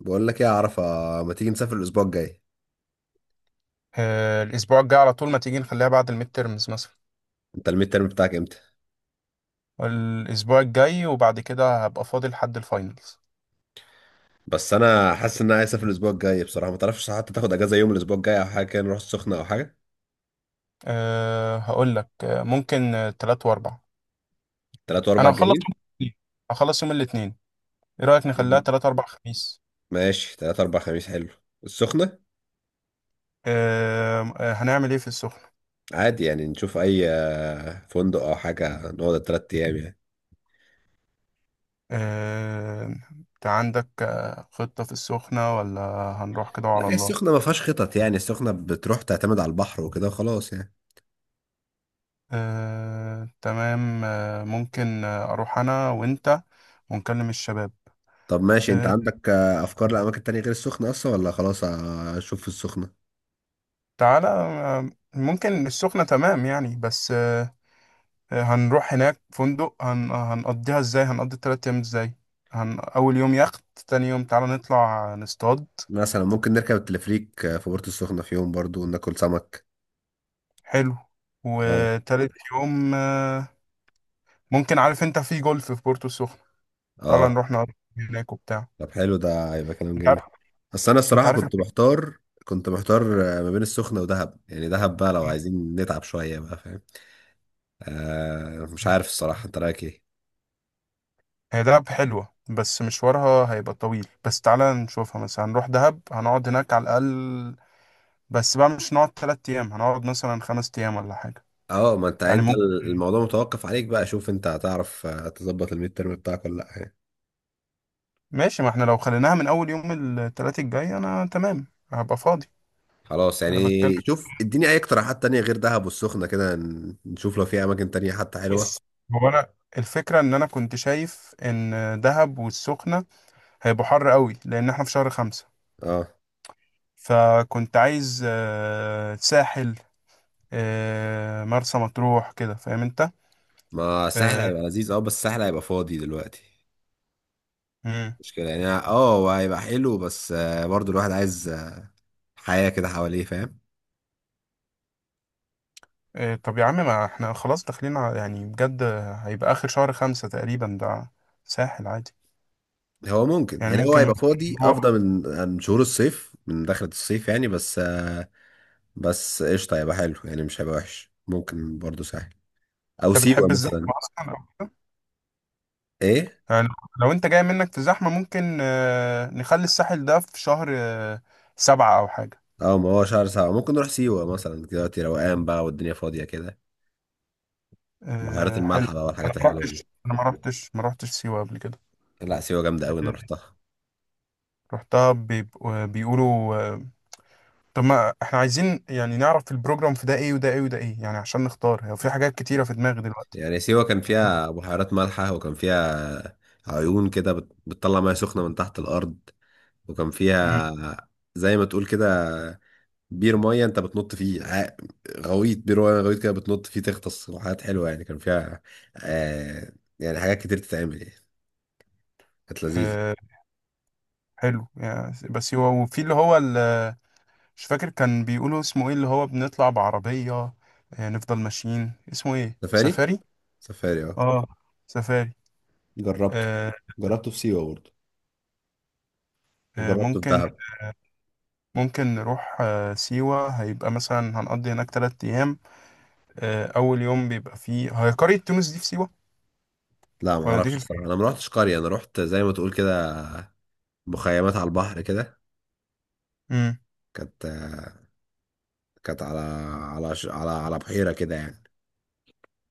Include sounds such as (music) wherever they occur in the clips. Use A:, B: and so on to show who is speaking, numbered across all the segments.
A: بقول لك ايه يا عرفة؟ ما تيجي نسافر الاسبوع الجاي؟
B: آه، الاسبوع الجاي على طول ما تيجي نخليها بعد الميد تيرمز مثلا.
A: انت الميد ترم بتاعك امتى؟
B: الاسبوع الجاي وبعد كده هبقى فاضي لحد الفاينلز.
A: بس انا حاسس ان انا عايز اسافر الاسبوع الجاي بصراحة، ما تعرفش حتى تاخد اجازة يوم الاسبوع الجاي او حاجة كده، نروح السخنة او حاجة؟
B: هقول لك ممكن، تلات واربع.
A: تلات واربع
B: انا هخلص
A: جايين؟
B: يوم الاثنين هخلص يوم الاثنين. ايه رايك نخليها تلات اربع خميس؟
A: ماشي، تلات اربع خميس حلو. السخنة.
B: أه آه، هنعمل ايه في السخنه؟
A: عادي يعني نشوف اي فندق او حاجة، نقعد التلات ايام يعني.
B: أه انت عندك خطه في السخنه ولا؟ هنروح كده
A: لا،
B: وعلى
A: هي
B: الله.
A: السخنة ما فيهاش خطط يعني، السخنة بتروح تعتمد على البحر وكده وخلاص يعني.
B: أه، تمام. ممكن اروح انا وانت، ونكلم الشباب.
A: طب ماشي، انت
B: آه،
A: عندك افكار لاماكن تانية غير السخنة اصلا، ولا خلاص اشوف في السخنة؟
B: تعالى. آه، ممكن السخنة تمام يعني، بس. آه، هنروح هناك فندق، هنقضي التلات أيام ازاي؟ أول يوم يخت، تاني يوم تعالى نطلع نصطاد.
A: مثلا ممكن نركب التلفريك في بورتو السخنة في يوم برضو وناكل سمك.
B: حلو.
A: اه.
B: وتالت يوم. آه، ممكن، عارف انت في جولف في بورتو السخنة؟ تعالى
A: اه،
B: نروح نقضي هناك وبتاع.
A: طب حلو، ده هيبقى كلام
B: انت
A: جميل.
B: عارف
A: بس انا
B: انت
A: الصراحة
B: عارف
A: كنت
B: الفكرة.
A: محتار. كنت محتار ما بين السخنة ودهب يعني. دهب بقى لو عايزين نتعب شوية بقى، فاهم؟ مش عارف الصراحة، انت رأيك ايه؟
B: هي دهب حلوة، بس مشوارها هيبقى طويل، بس تعالى نشوفها مثلا. هنروح دهب، هنقعد هناك على الأقل، بس بقى مش هنقعد تلات أيام، هنقعد مثلا خمس أيام ولا حاجة.
A: اه، ما انت
B: يعني
A: انت
B: ممكن.
A: الموضوع متوقف عليك بقى. شوف انت، هتعرف تظبط الميد ترم بتاعك ولا لا يعني.
B: ماشي، ما احنا لو خليناها من أول يوم، التلات الجاي أنا تمام، هبقى فاضي.
A: خلاص يعني.
B: أنا بتكلم.
A: شوف، اديني اي اقتراحات تانية غير دهب والسخنة كده، نشوف لو في اماكن تانية حتى حلوة.
B: بس هو، أنا الفكرة إن أنا كنت شايف إن دهب والسخنة هيبقوا حر قوي، لأن احنا في شهر خمسة.
A: اه،
B: فكنت عايز ساحل، مرسى مطروح كده، فاهم أنت؟
A: ما سهل
B: آه،
A: هيبقى لذيذ اه. بس سهل هيبقى فاضي دلوقتي،
B: مم.
A: مشكلة يعني. اه، هو هيبقى حلو بس برضو الواحد عايز حياة كده حواليه، فاهم؟
B: طب يا عم، ما احنا خلاص يعني بجد، هيبقى آخر شهر خمسة تقريبا ده. ساحل عادي.
A: هو ممكن
B: يعني
A: يعني، هو
B: ممكن
A: هيبقى
B: مثلا
A: فاضي
B: نروح.
A: افضل من شهور الصيف، من دخلة الصيف يعني، بس بس قشطة هيبقى حلو يعني، مش هيبقى وحش. ممكن برضو سهل، او
B: انت
A: سيوة
B: بتحب
A: مثلا.
B: الزحمه اصلا
A: ايه؟
B: يعني، لو انت جاي منك في الزحمه، ممكن نخلي الساحل ده في شهر، آه، سبعة او حاجه.
A: اه، ما هو شهر سبعة ممكن نروح سيوة مثلا، دلوقتي روقان بقى والدنيا فاضية كده. بحيرات
B: حلو.
A: الملح بقى
B: انا
A: والحاجات
B: ما
A: الحلوة
B: رحتش
A: دي.
B: انا ما رحتش ما رحتش سيوه قبل كده.
A: لا، سيوة جامدة قوي، انا رحتها.
B: رحتها، بيقولوا. آه، طب ما احنا عايزين يعني نعرف في البروجرام، في ده ايه، وده ايه، وده ايه يعني، عشان نختار. هو في حاجات كتيره في دماغي دلوقتي.
A: يعني سيوة كان فيها بحيرات مالحة، وكان فيها عيون كده بتطلع مياه سخنة من تحت الأرض، وكان
B: مم.
A: فيها زي ما تقول كده بير مية، أنت بتنط فيه غويط، بير مية غويط كده، بتنط فيه، تغطس، وحاجات حلوة يعني. كان فيها آه يعني حاجات كتير تتعمل يعني. كانت لذيذة.
B: آه، حلو يعني، بس هو وفي اللي هو. مش فاكر كان بيقولوا اسمه ايه، اللي هو بنطلع بعربية، آه، نفضل ماشيين، اسمه ايه؟
A: سفاري.
B: سفاري.
A: سفاري اه.
B: اه، سفاري.
A: جربته.
B: آه،
A: جربته في سيوة برضه،
B: آه،
A: وجربته في
B: ممكن.
A: دهب.
B: ممكن نروح سيوة، هيبقى مثلا هنقضي هناك تلات أيام. أول يوم بيبقى فيه، هي قرية تونس دي في سيوة،
A: لا ما
B: ولا دي
A: اعرفش
B: في
A: الصراحه،
B: الفيوم؟
A: انا ما رحتش قريه، انا رحت زي ما تقول كده مخيمات على البحر كده.
B: امم.
A: كانت كانت على على على بحيرة كده يعني.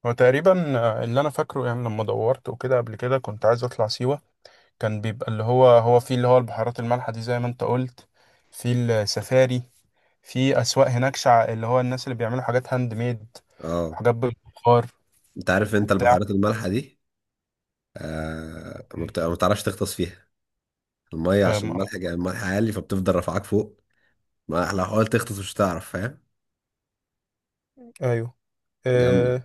B: هو تقريبا، اللي أنا فاكره يعني، لما دورت وكده قبل كده كنت عايز أطلع سيوة. كان بيبقى اللي هو، هو فيه اللي هو البحيرات المالحة دي، زي ما أنت قلت، في السفاري، في اسواق هناك، اللي هو الناس اللي بيعملوا حاجات هاند ميد،
A: اه،
B: وحاجات بالبخار
A: انت عارف انت
B: وبتاع.
A: البحيرات المالحة دي؟ ما بتعرفش تغطس فيها، المية عشان
B: أم...
A: الملح الملح عالي، فبتفضل رافعاك فوق. ما لو حاولت تغطس مش هتعرف، فاهم؟
B: ايوه.
A: جامدة.
B: أه...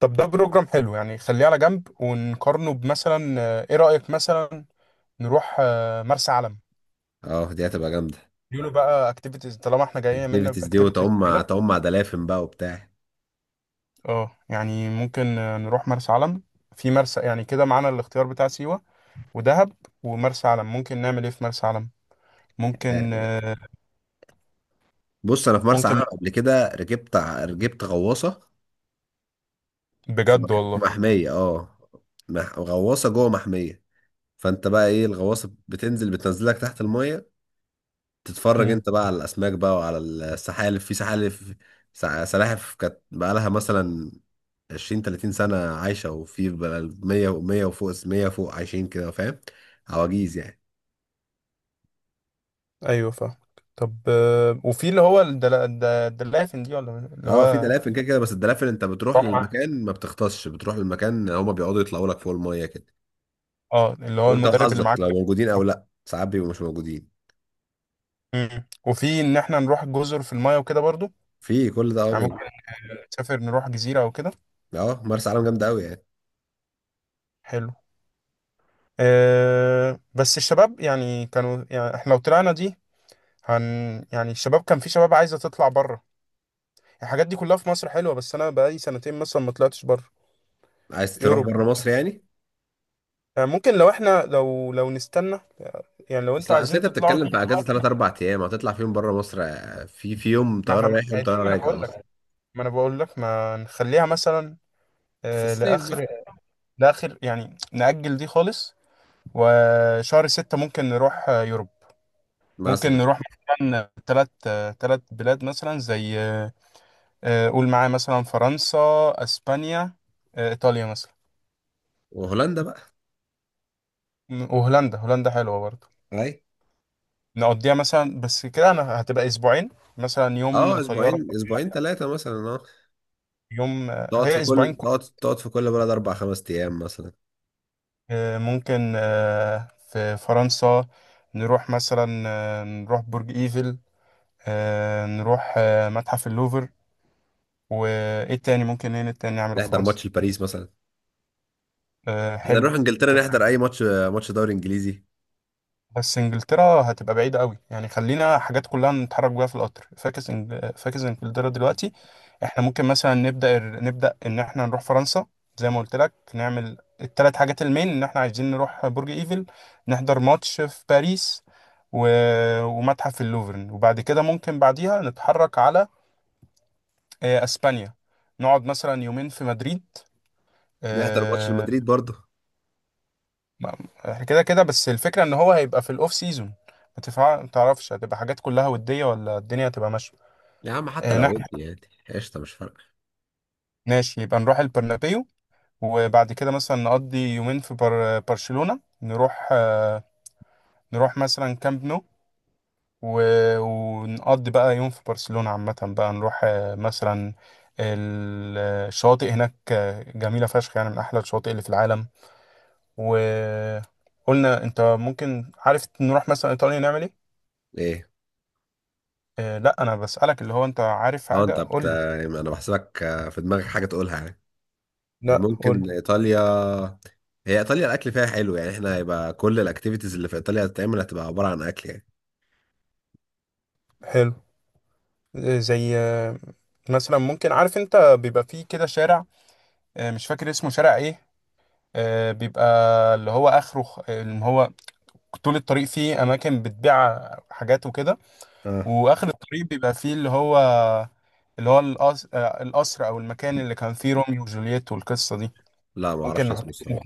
B: طب ده بروجرام حلو يعني، خليه على جنب ونقارنه بمثلا. ايه رأيك مثلا نروح مرسى علم؟
A: اه دي هتبقى جامدة.
B: يقولوا بقى اكتيفيتيز، طالما احنا جايين منا
A: الاكتيفيتيز دي،
B: باكتيفيتيز
A: وتعوم
B: كده.
A: تعوم مع دلافين بقى وبتاع.
B: اه يعني ممكن نروح مرسى علم. في مرسى يعني كده معانا الاختيار بتاع سيوة ودهب ومرسى علم. ممكن نعمل ايه في مرسى علم؟ ممكن
A: آه،
B: آه،
A: بص، انا في مرسى علم
B: ممكن،
A: قبل كده ركبت غواصة،
B: بجد
A: في
B: والله.
A: محمية اه، غواصة جوه محمية. فانت بقى ايه، الغواصة بتنزل، بتنزلك تحت المية، تتفرج
B: مم.
A: انت بقى على الاسماك بقى وعلى السحالف. في سحالف سلاحف، كانت بقى لها مثلا 20 30 سنة عايشة، وفي بقى 100 و100 وفوق 100 فوق، عايشين كده، فاهم؟ عواجيز يعني.
B: ايوه، فاهم. طب، وفي اللي هو الدلافن دي، ولا اللي
A: اه، في
B: هو
A: دلافين كده كده، بس الدلافين انت بتروح
B: الرمعة،
A: للمكان، ما بتغطسش، بتروح للمكان هما بيقعدوا يطلعوا لك فوق المية كده.
B: اه اللي هو
A: وانت
B: المدرب اللي
A: وحظك،
B: معاك
A: لو
B: ده.
A: موجودين او لا، ساعات بيبقوا مش موجودين.
B: مم. وفي ان احنا نروح جزر في المايه وكده برضو،
A: في كل ده اه
B: يعني ممكن
A: موجود.
B: نسافر، نروح جزيرة او كده.
A: اه، مرسى علم جامدة قوي يعني.
B: حلو. أه، بس الشباب يعني كانوا، يعني احنا لو طلعنا دي، هن يعني الشباب كان، في شباب عايزة تطلع بره. الحاجات دي كلها في مصر حلوة، بس انا بقالي سنتين مثلا ما طلعتش بره.
A: عايز تروح
B: يوروب.
A: بره مصر يعني؟
B: يعني ممكن، لو نستنى. يعني لو
A: اصل
B: انتوا
A: اصل
B: عايزين
A: انت
B: تطلعوا
A: بتتكلم
B: دي،
A: في اجازه 3 4 ايام، هتطلع فيهم بره مصر؟ في يوم
B: ما
A: طياره
B: احنا، ما
A: رايح يوم
B: هي دي
A: طياره
B: ما انا
A: راجع
B: بقول لك.
A: اصلا.
B: ما نخليها مثلا
A: في الصيف
B: لاخر.
A: بقى،
B: يعني نأجل دي خالص. وشهر ستة ممكن نروح يوروب. ممكن
A: مثلا.
B: نروح مثلا، ثلاث بلاد، مثلا زي، قول معايا مثلا فرنسا، اسبانيا، ايطاليا مثلا.
A: وهولندا بقى.
B: وهولندا حلوة برضه.
A: اي
B: نقضيها مثلا، بس كده انا هتبقى اسبوعين، مثلا يوم
A: اه.
B: طيارة،
A: اسبوعين، اسبوعين ثلاثه مثلا اه.
B: يوم آه،
A: تقعد في
B: هي اسبوعين.
A: كل تقعد في كل بلد اربع خمس ايام مثلا.
B: ممكن في فرنسا، نروح برج ايفل، نروح متحف اللوفر. وايه تاني ممكن، ايه تاني نعمله في
A: نحضر
B: فرنسا؟
A: ماتش لباريس مثلا. احنا
B: حلو.
A: نروح انجلترا نحضر اي ماتش، ماتش دوري انجليزي.
B: بس انجلترا هتبقى بعيدة قوي يعني، خلينا حاجات كلها نتحرك بيها في القطر، فاكس فاكس انجلترا دلوقتي. احنا ممكن مثلا نبدأ، ان احنا نروح فرنسا، زي ما قلت لك نعمل الثلاث حاجات، المين ان احنا عايزين نروح برج ايفل، نحضر ماتش في باريس، و... ومتحف اللوفر. وبعد كده ممكن بعديها نتحرك على اسبانيا. نقعد مثلا يومين في مدريد.
A: نحضر ماتش
B: آه،
A: لمدريد برضه.
B: ما- احنا كده كده، بس الفكرة ان هو هيبقى في الاوف سيزون. ما تعرفش هتبقى حاجات كلها ودية، ولا الدنيا هتبقى ماشية.
A: يا عم، حتى
B: آه،
A: لو ودي
B: نح-
A: يعني، قشطه، مش فارقه.
B: ماشي، يبقى نروح البرنابيو. وبعد كده مثلا نقضي يومين في برشلونة، نروح نروح مثلا كامب نو، و... ونقضي بقى يوم في برشلونة عامة بقى. نروح مثلا ال- الشواطئ هناك، جميلة فشخ يعني، من أحلى الشواطئ اللي في العالم. وقلنا أنت ممكن، عارف، نروح مثلا إيطاليا نعمل إيه؟
A: ايه
B: آه لا، انا بسألك، اللي هو انت عارف
A: اه،
B: حاجة
A: انت
B: قول لي.
A: انا بحسبك في دماغك حاجه تقولها يعني.
B: لا قول
A: ممكن
B: لي.
A: ايطاليا. هي ايطاليا الاكل فيها حلو يعني، احنا هيبقى كل الاكتيفيتيز اللي في ايطاليا هتتعمل هتبقى عباره عن اكل يعني.
B: حلو. زي، مثلا ممكن، عارف انت بيبقى فيه كده شارع، مش فاكر اسمه شارع ايه. بيبقى اللي هو اخره، اللي هو طول الطريق فيه اماكن بتبيع حاجات وكده،
A: اه.
B: واخر الطريق بيبقى فيه اللي هو القصر، او المكان اللي كان فيه روميو وجولييت والقصة دي.
A: لا، ما
B: ممكن
A: اعرفش
B: نحط.
A: اسمه الصراحه.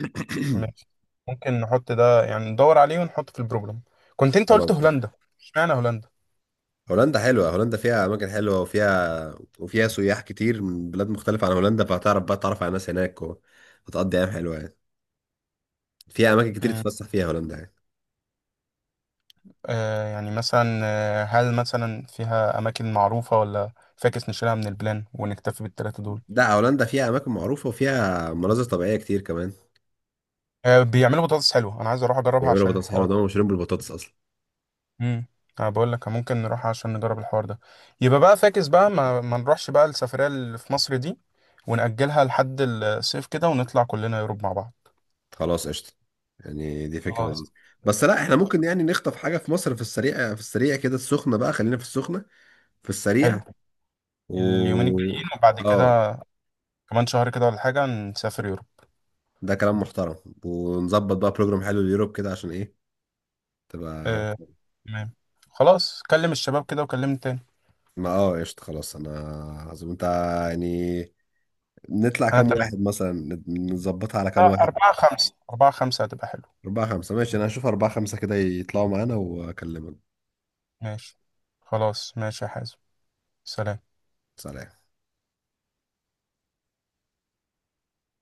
A: (clears throat)
B: ماشي، ممكن نحط ده يعني، ندور عليه ونحطه في البروجرام. كنت انت قلت
A: خلاص يعني.
B: هولندا. اشمعنى هولندا؟
A: هولندا حلوه، هولندا فيها اماكن حلوه، وفيها سياح كتير من بلاد مختلفه عن هولندا، فهتعرف بقى، تعرف على ناس هناك وهتقضي ايام حلوه يعني. فيها اماكن كتير
B: مم.
A: تتفسح فيها هولندا يعني.
B: يعني مثلا، هل مثلا فيها اماكن معروفه، ولا فاكس نشيلها من البلان ونكتفي بالثلاثه دول؟
A: لا، هولندا فيها اماكن معروفه وفيها مناظر طبيعيه كتير كمان.
B: بيعملوا بطاطس حلوه، انا عايز اروح اجربها
A: بيعملوا
B: عشان
A: بطاطس حلوه،
B: الحوار.
A: ده مشهورين بالبطاطس اصلا.
B: امم. انا بقول لك ممكن نروح عشان نجرب الحوار ده. يبقى بقى فاكس بقى، ما نروحش بقى السفريه اللي في مصر دي، ونأجلها لحد الصيف كده، ونطلع كلنا يوروب مع بعض.
A: خلاص قشطة، يعني دي فكرة
B: اه،
A: لذيذة. بس لا، احنا ممكن يعني نخطف حاجة في مصر في السريع، في السريع كده، السخنة بقى، خلينا في السخنة في
B: حلو.
A: السريع.
B: اليومين الجايين
A: و
B: وبعد
A: اه،
B: كده كمان شهر كده ولا حاجة، نسافر يوروب.
A: ده كلام محترم. ونظبط بقى بروجرام حلو ليوروب كده، عشان ايه تبقى.
B: آه، تمام. خلاص كلم الشباب كده وكلمني تاني.
A: ما اه قشطة. خلاص انا عظيم انت يعني. نطلع
B: أنا
A: كام
B: تمام.
A: واحد مثلا، نظبطها على كام واحد؟
B: أربعة خمسة هتبقى حلو.
A: أربعة خمسة ماشي. أنا هشوف أربعة خمسة كده يطلعوا معانا وأكلمك.
B: ماشي. خلاص ماشي يا حازم. سلام.
A: سلام.